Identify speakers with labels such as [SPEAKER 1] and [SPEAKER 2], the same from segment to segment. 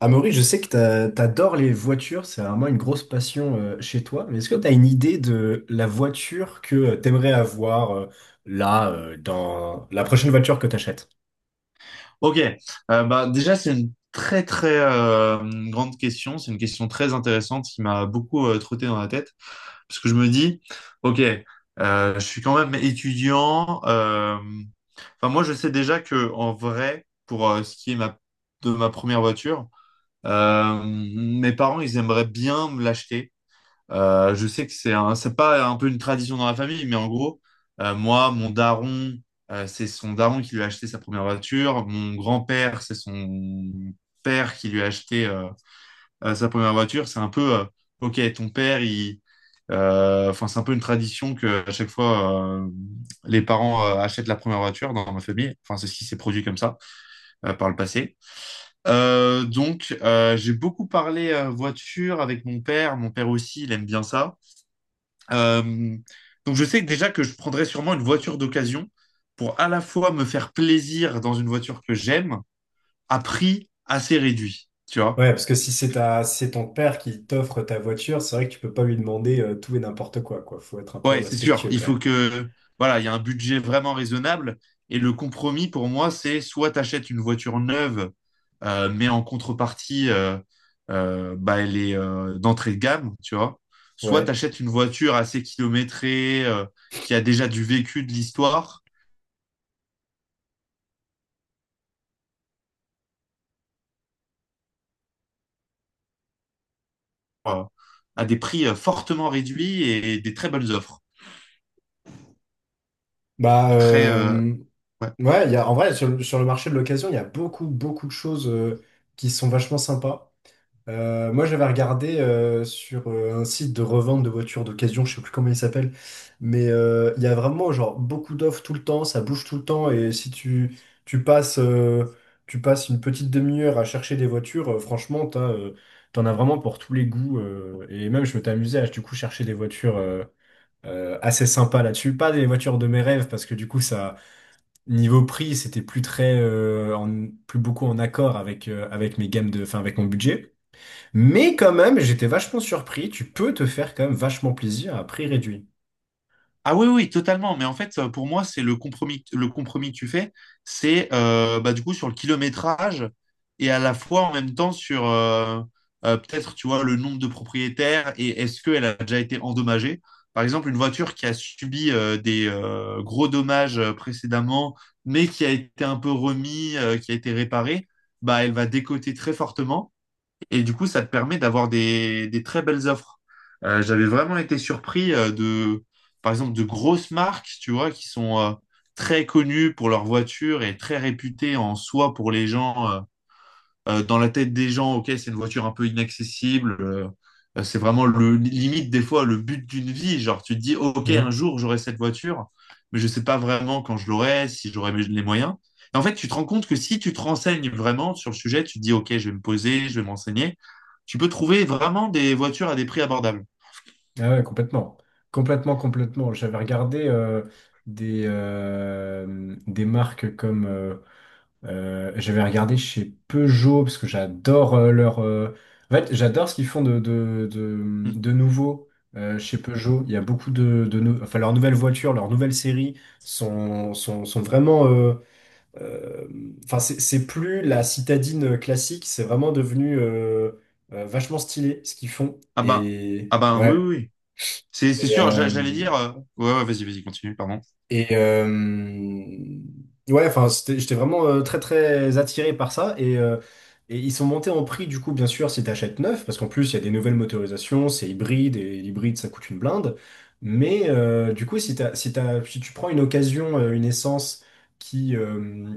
[SPEAKER 1] Amaury, je sais que t'adores les voitures, c'est vraiment une grosse passion chez toi, mais est-ce que t'as une idée de la voiture que t'aimerais avoir dans la prochaine voiture que t'achètes?
[SPEAKER 2] Ok. Déjà c'est une très très grande question, c'est une question très intéressante qui m'a beaucoup trotté dans la tête, parce que je me dis, ok, je suis quand même étudiant. Enfin moi je sais déjà que en vrai, pour ce qui est de ma première voiture, mes parents ils aimeraient bien me l'acheter. Je sais que c'est pas un peu une tradition dans la famille, mais en gros, moi, mon daron, c'est son daron qui lui a acheté sa première voiture. Mon grand-père, c'est son père qui lui a acheté sa première voiture. C'est un peu, ok, ton père, il, enfin, c'est un peu une tradition que à chaque fois, les parents achètent la première voiture dans ma famille. Enfin, c'est ce qui s'est produit comme ça par le passé. Donc j'ai beaucoup parlé voiture avec mon père. Mon père aussi, il aime bien ça. Euh, donc je sais déjà que je prendrais sûrement une voiture d'occasion pour à la fois me faire plaisir dans une voiture que j'aime à prix assez réduit, tu vois.
[SPEAKER 1] Ouais, parce que si c'est ton père qui t'offre ta voiture, c'est vrai que tu peux pas lui demander tout et n'importe quoi, quoi. Faut être un peu
[SPEAKER 2] Ouais, c'est sûr,
[SPEAKER 1] respectueux
[SPEAKER 2] il
[SPEAKER 1] quand
[SPEAKER 2] faut
[SPEAKER 1] même.
[SPEAKER 2] que voilà, il y a un budget vraiment raisonnable. Et le compromis pour moi c'est soit t'achètes une voiture neuve, mais en contrepartie, elle est d'entrée de gamme, tu vois. Soit
[SPEAKER 1] Ouais.
[SPEAKER 2] t'achètes une voiture assez kilométrée, qui a déjà du vécu de l'histoire, euh, à des prix fortement réduits et des très bonnes offres.
[SPEAKER 1] Bah,
[SPEAKER 2] Très, euh,
[SPEAKER 1] euh,
[SPEAKER 2] ouais.
[SPEAKER 1] ouais, en vrai, sur le marché de l'occasion, il y a beaucoup, beaucoup de choses qui sont vachement sympas. Moi, j'avais regardé sur un site de revente de voitures d'occasion, je sais plus comment il s'appelle, mais il y a vraiment genre beaucoup d'offres tout le temps, ça bouge tout le temps, et si tu, tu passes, euh, tu passes une petite demi-heure à chercher des voitures, franchement, t'en as vraiment pour tous les goûts, et même je m'étais amusé à du coup chercher des voitures assez sympas là-dessus, pas des voitures de mes rêves, parce que du coup, ça, niveau prix, c'était plus très, plus beaucoup en accord avec, avec enfin, avec mon budget. Mais quand même, j'étais vachement surpris. Tu peux te faire quand même vachement plaisir à prix réduit.
[SPEAKER 2] Ah oui, oui, totalement. Mais en fait, pour moi, c'est le compromis que tu fais, c'est du coup sur le kilométrage et à la fois en même temps sur peut-être, tu vois, le nombre de propriétaires et est-ce qu'elle a déjà été endommagée. Par exemple, une voiture qui a subi des gros dommages précédemment, mais qui a été un peu remis, qui a été réparée, bah, elle va décoter très fortement. Et du coup, ça te permet d'avoir des très belles offres. J'avais vraiment été surpris par exemple, de grosses marques, tu vois, qui sont très connues pour leurs voitures et très réputées en soi pour les gens. Dans la tête des gens, ok, c'est une voiture un peu inaccessible. C'est vraiment le limite des fois le but d'une vie. Genre, tu te dis, ok, un
[SPEAKER 1] Mhm.
[SPEAKER 2] jour j'aurai cette voiture, mais je sais pas vraiment quand je l'aurai, si j'aurai les moyens. Et en fait, tu te rends compte que si tu te renseignes vraiment sur le sujet, tu te dis, ok, je vais me poser, je vais m'enseigner, tu peux trouver vraiment des voitures à des prix abordables.
[SPEAKER 1] Ah ouais, complètement. Complètement, complètement. J'avais regardé des marques comme... j'avais regardé chez Peugeot, parce que j'adore leur... En fait, j'adore ce qu'ils font
[SPEAKER 2] Mm.
[SPEAKER 1] de nouveau chez Peugeot. Il y a beaucoup de... Enfin, leurs nouvelles voitures, leurs nouvelles séries sont vraiment... euh, enfin, c'est plus la citadine classique, c'est vraiment devenu vachement stylé ce qu'ils font.
[SPEAKER 2] Ah ben,
[SPEAKER 1] Et
[SPEAKER 2] ah ben, oui,
[SPEAKER 1] ouais.
[SPEAKER 2] oui, oui. C'est sûr, j'allais dire. Ouais, ouais, vas-y, vas-y, continue, pardon.
[SPEAKER 1] Et ouais, enfin, j'étais vraiment très très attiré par ça. Et ils sont montés en prix, du coup, bien sûr, si t'achètes neuf, parce qu'en plus, il y a des nouvelles motorisations, c'est hybride, et l'hybride, ça coûte une blinde. Mais du coup, si tu prends une occasion, une essence qui, euh,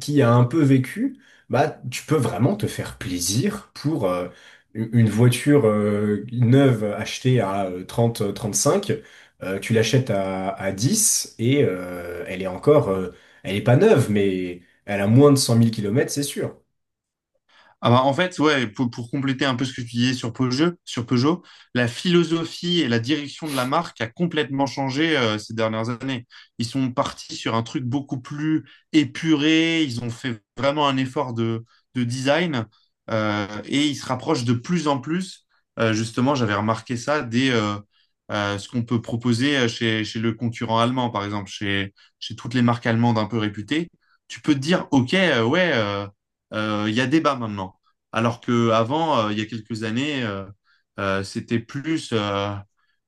[SPEAKER 1] qui a un peu vécu, bah, tu peux vraiment te faire plaisir pour une voiture neuve achetée à trente trente-cinq. Tu l'achètes à 10 et elle est encore, elle est pas neuve, mais elle a moins de cent mille kilomètres, c'est sûr.
[SPEAKER 2] Ah bah, en fait, ouais, pour compléter un peu ce que tu disais sur Peugeot, la philosophie et la direction de la marque a complètement changé ces dernières années. Ils sont partis sur un truc beaucoup plus épuré, ils ont fait vraiment un effort de design, et ils se rapprochent de plus en plus. Justement, j'avais remarqué ça des ce qu'on peut proposer chez le concurrent allemand, par exemple, chez toutes les marques allemandes un peu réputées. Tu peux te dire, OK, ouais. Il y a débat maintenant. Alors qu'avant, il y a quelques années, c'était plus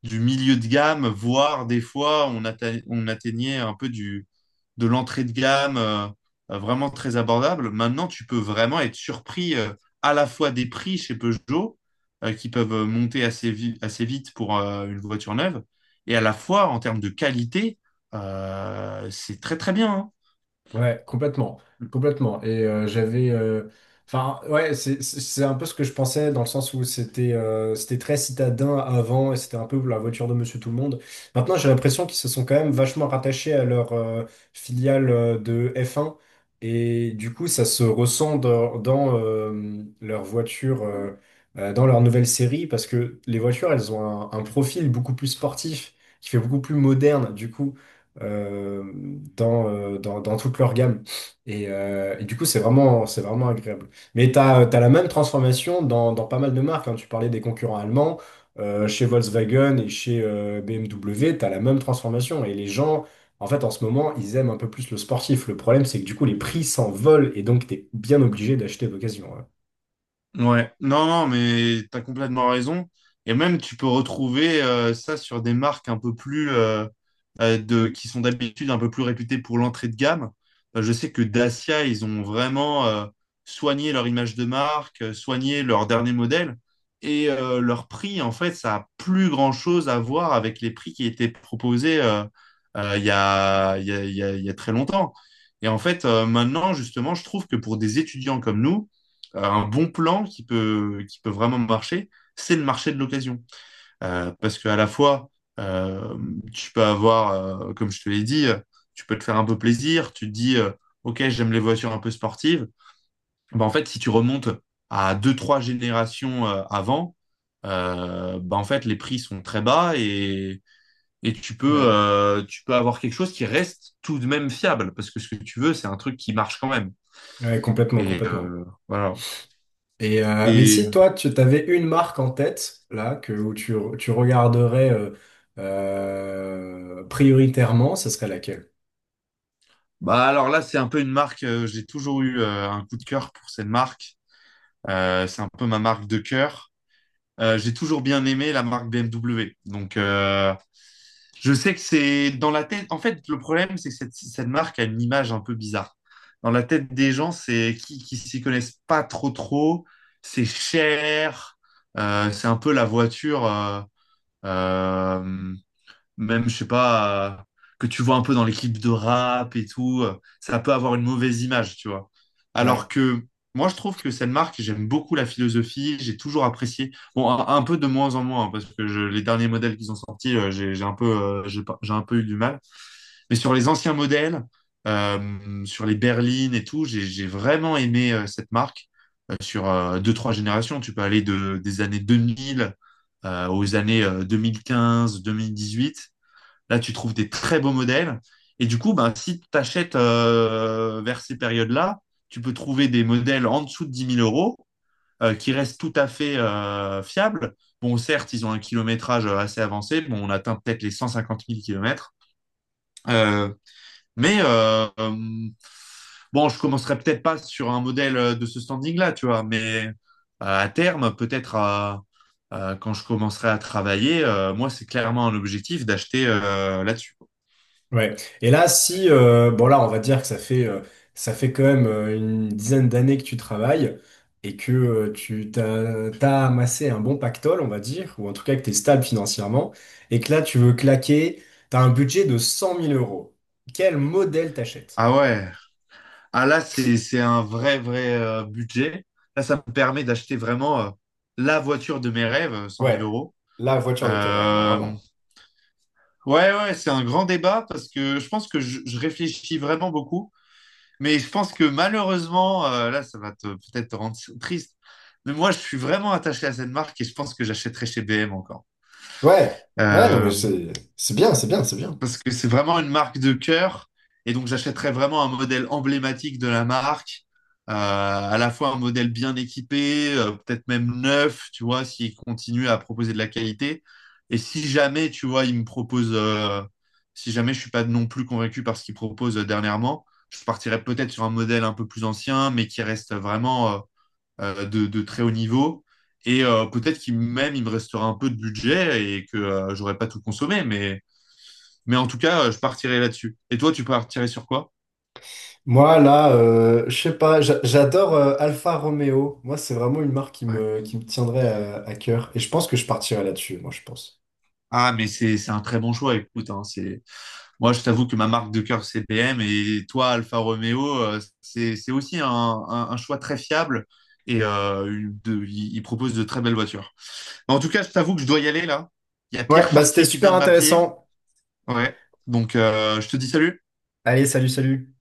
[SPEAKER 2] du milieu de gamme, voire des fois, on atteignait un peu de l'entrée de gamme, vraiment très abordable. Maintenant, tu peux vraiment être surpris, à la fois des prix chez Peugeot, qui peuvent monter assez vite pour une voiture neuve, et à la fois en termes de qualité, c'est très très bien, hein.
[SPEAKER 1] Ouais, complètement, complètement. Et j'avais, enfin, ouais, c'est un peu ce que je pensais dans le sens où c'était c'était très citadin avant et c'était un peu la voiture de Monsieur Tout le Monde. Maintenant, j'ai l'impression qu'ils se sont quand même vachement rattachés à leur filiale de f un et du coup, ça se ressent dans leur voiture, dans leur nouvelle série parce que les voitures, elles ont un profil beaucoup plus sportif qui fait beaucoup plus moderne. Du coup euh, dans toute leur gamme. Et du coup, c'est vraiment agréable. Mais tu as, la même transformation dans, dans pas mal de marques, hein. Tu parlais des concurrents allemands. Chez Volkswagen et chez BMW, tu as la même transformation. Et les gens, en fait, en ce moment, ils aiment un peu plus le sportif. Le problème, c'est que du coup, les prix s'envolent et donc tu es bien obligé d'acheter d'occasion, ouais.
[SPEAKER 2] Ouais, non, non, mais t'as complètement raison. Et même, tu peux retrouver ça sur des marques un peu plus, qui sont d'habitude un peu plus réputées pour l'entrée de gamme. Je sais que Dacia, ils ont vraiment soigné leur image de marque, soigné leur dernier modèle. Et leur prix, en fait, ça a plus grand-chose à voir avec les prix qui étaient proposés, il y a, il y a, il y a il y a très longtemps. Et en fait, maintenant, justement, je trouve que pour des étudiants comme nous, un bon plan qui peut vraiment marcher, c'est le marché de l'occasion. Parce qu'à la fois, euh, tu peux avoir, comme je te l'ai dit, tu peux te faire un peu plaisir, tu te dis, OK, j'aime les voitures un peu sportives. Bah, en fait, si tu remontes à deux, trois générations avant, en fait, les prix sont très bas et
[SPEAKER 1] Ouais.
[SPEAKER 2] tu peux avoir quelque chose qui reste tout de même fiable, parce que ce que tu veux, c'est un truc qui marche quand même.
[SPEAKER 1] Ouais, complètement,
[SPEAKER 2] Et
[SPEAKER 1] complètement.
[SPEAKER 2] voilà.
[SPEAKER 1] Et mais
[SPEAKER 2] Et
[SPEAKER 1] si toi, tu t'avais une marque en tête, là, que, où tu regarderais prioritairement, ce serait laquelle?
[SPEAKER 2] bah alors là, c'est un peu une marque. J'ai toujours eu un coup de cœur pour cette marque. C'est un peu ma marque de cœur. J'ai toujours bien aimé la marque BMW. Donc je sais que c'est dans la tête. En fait, le problème, c'est que cette marque a une image un peu bizarre. Dans la tête des gens, c'est qui s'y connaissent pas trop trop. C'est cher. C'est un peu la voiture, euh, même, je sais pas, que tu vois un peu dans les clips de rap et tout, ça peut avoir une mauvaise image, tu vois. Alors
[SPEAKER 1] Ouais,
[SPEAKER 2] que moi, je trouve que cette marque, j'aime beaucoup la philosophie, j'ai toujours apprécié. Bon, un peu de moins en moins, hein, parce que les derniers modèles qu'ils ont sortis, j'ai un peu, j'ai pas- j'ai un peu eu du mal. Mais sur les anciens modèles, sur les berlines et tout, j'ai vraiment aimé cette marque sur deux, trois générations. Tu peux aller des années 2000 aux années 2015, 2018. Là, tu trouves des très beaux modèles. Et du coup, ben, si tu achètes vers ces périodes-là, tu peux trouver des modèles en dessous de 10 000 €, qui restent tout à fait fiables. Bon, certes, ils ont un kilométrage assez avancé. Bon, on atteint peut-être les 150 000 kilomètres. Euh, mais euh, euh, bon, je commencerai peut-être pas sur un modèle de ce standing-là, tu vois. Mais à terme, peut-être quand je commencerai à travailler, moi, c'est clairement un objectif d'acheter là-dessus.
[SPEAKER 1] ouais. Et là, si, bon là, on va dire que ça fait quand même une dizaine d'années que tu travailles et que t'as amassé un bon pactole, on va dire, ou en tout cas que tu es stable financièrement, et que là, tu veux claquer, tu as un budget de cent mille euros. Quel modèle t'achètes?
[SPEAKER 2] Ah ouais. Ah là, c'est un vrai, vrai budget. Là, ça me permet d'acheter vraiment la voiture de mes rêves, 100 000
[SPEAKER 1] Ouais,
[SPEAKER 2] euros.
[SPEAKER 1] la voiture de tes rêves, là,
[SPEAKER 2] Euh,
[SPEAKER 1] vraiment.
[SPEAKER 2] ouais, ouais, c'est un grand débat parce que je pense que je réfléchis vraiment beaucoup. Mais je pense que malheureusement, là, ça va peut-être te rendre triste. Mais moi, je suis vraiment attaché à cette marque et je pense que j'achèterai chez BM encore.
[SPEAKER 1] Ouais, ouais, non, mais
[SPEAKER 2] Euh,
[SPEAKER 1] c'est c'est bien.
[SPEAKER 2] Parce que c'est vraiment une marque de cœur. Et donc, j'achèterais vraiment un modèle emblématique de la marque, à la fois un modèle bien équipé, peut-être même neuf, tu vois, s'il continue à proposer de la qualité. Et si jamais, tu vois, il me propose, si jamais je suis pas non plus convaincu par ce qu'il propose dernièrement, je partirais peut-être sur un modèle un peu plus ancien, mais qui reste vraiment de très haut niveau. Et peut-être qu'il même il me restera un peu de budget et que j'aurais pas tout consommé, mais en tout cas, je partirais là-dessus. Et toi, tu partirais sur quoi?
[SPEAKER 1] Moi, là, je sais pas, j'adore Alfa Romeo. Moi, c'est vraiment une marque
[SPEAKER 2] Ouais.
[SPEAKER 1] qui me tiendrait à cœur. Et je pense que je partirais là-dessus, moi, je pense.
[SPEAKER 2] Ah, mais c'est un très bon choix. Écoute, hein, c'est moi, je t'avoue que ma marque de cœur, c'est BM. Et toi, Alfa Romeo, c'est aussi un choix très fiable. Et il propose de très belles voitures. En tout cas, je t'avoue que je dois y aller là. Il y a
[SPEAKER 1] Ouais,
[SPEAKER 2] Pierre
[SPEAKER 1] bah c'était
[SPEAKER 2] Chartier qui vient
[SPEAKER 1] super
[SPEAKER 2] de m'appeler.
[SPEAKER 1] intéressant.
[SPEAKER 2] Ouais. Donc, je te dis salut.
[SPEAKER 1] Allez, salut, salut.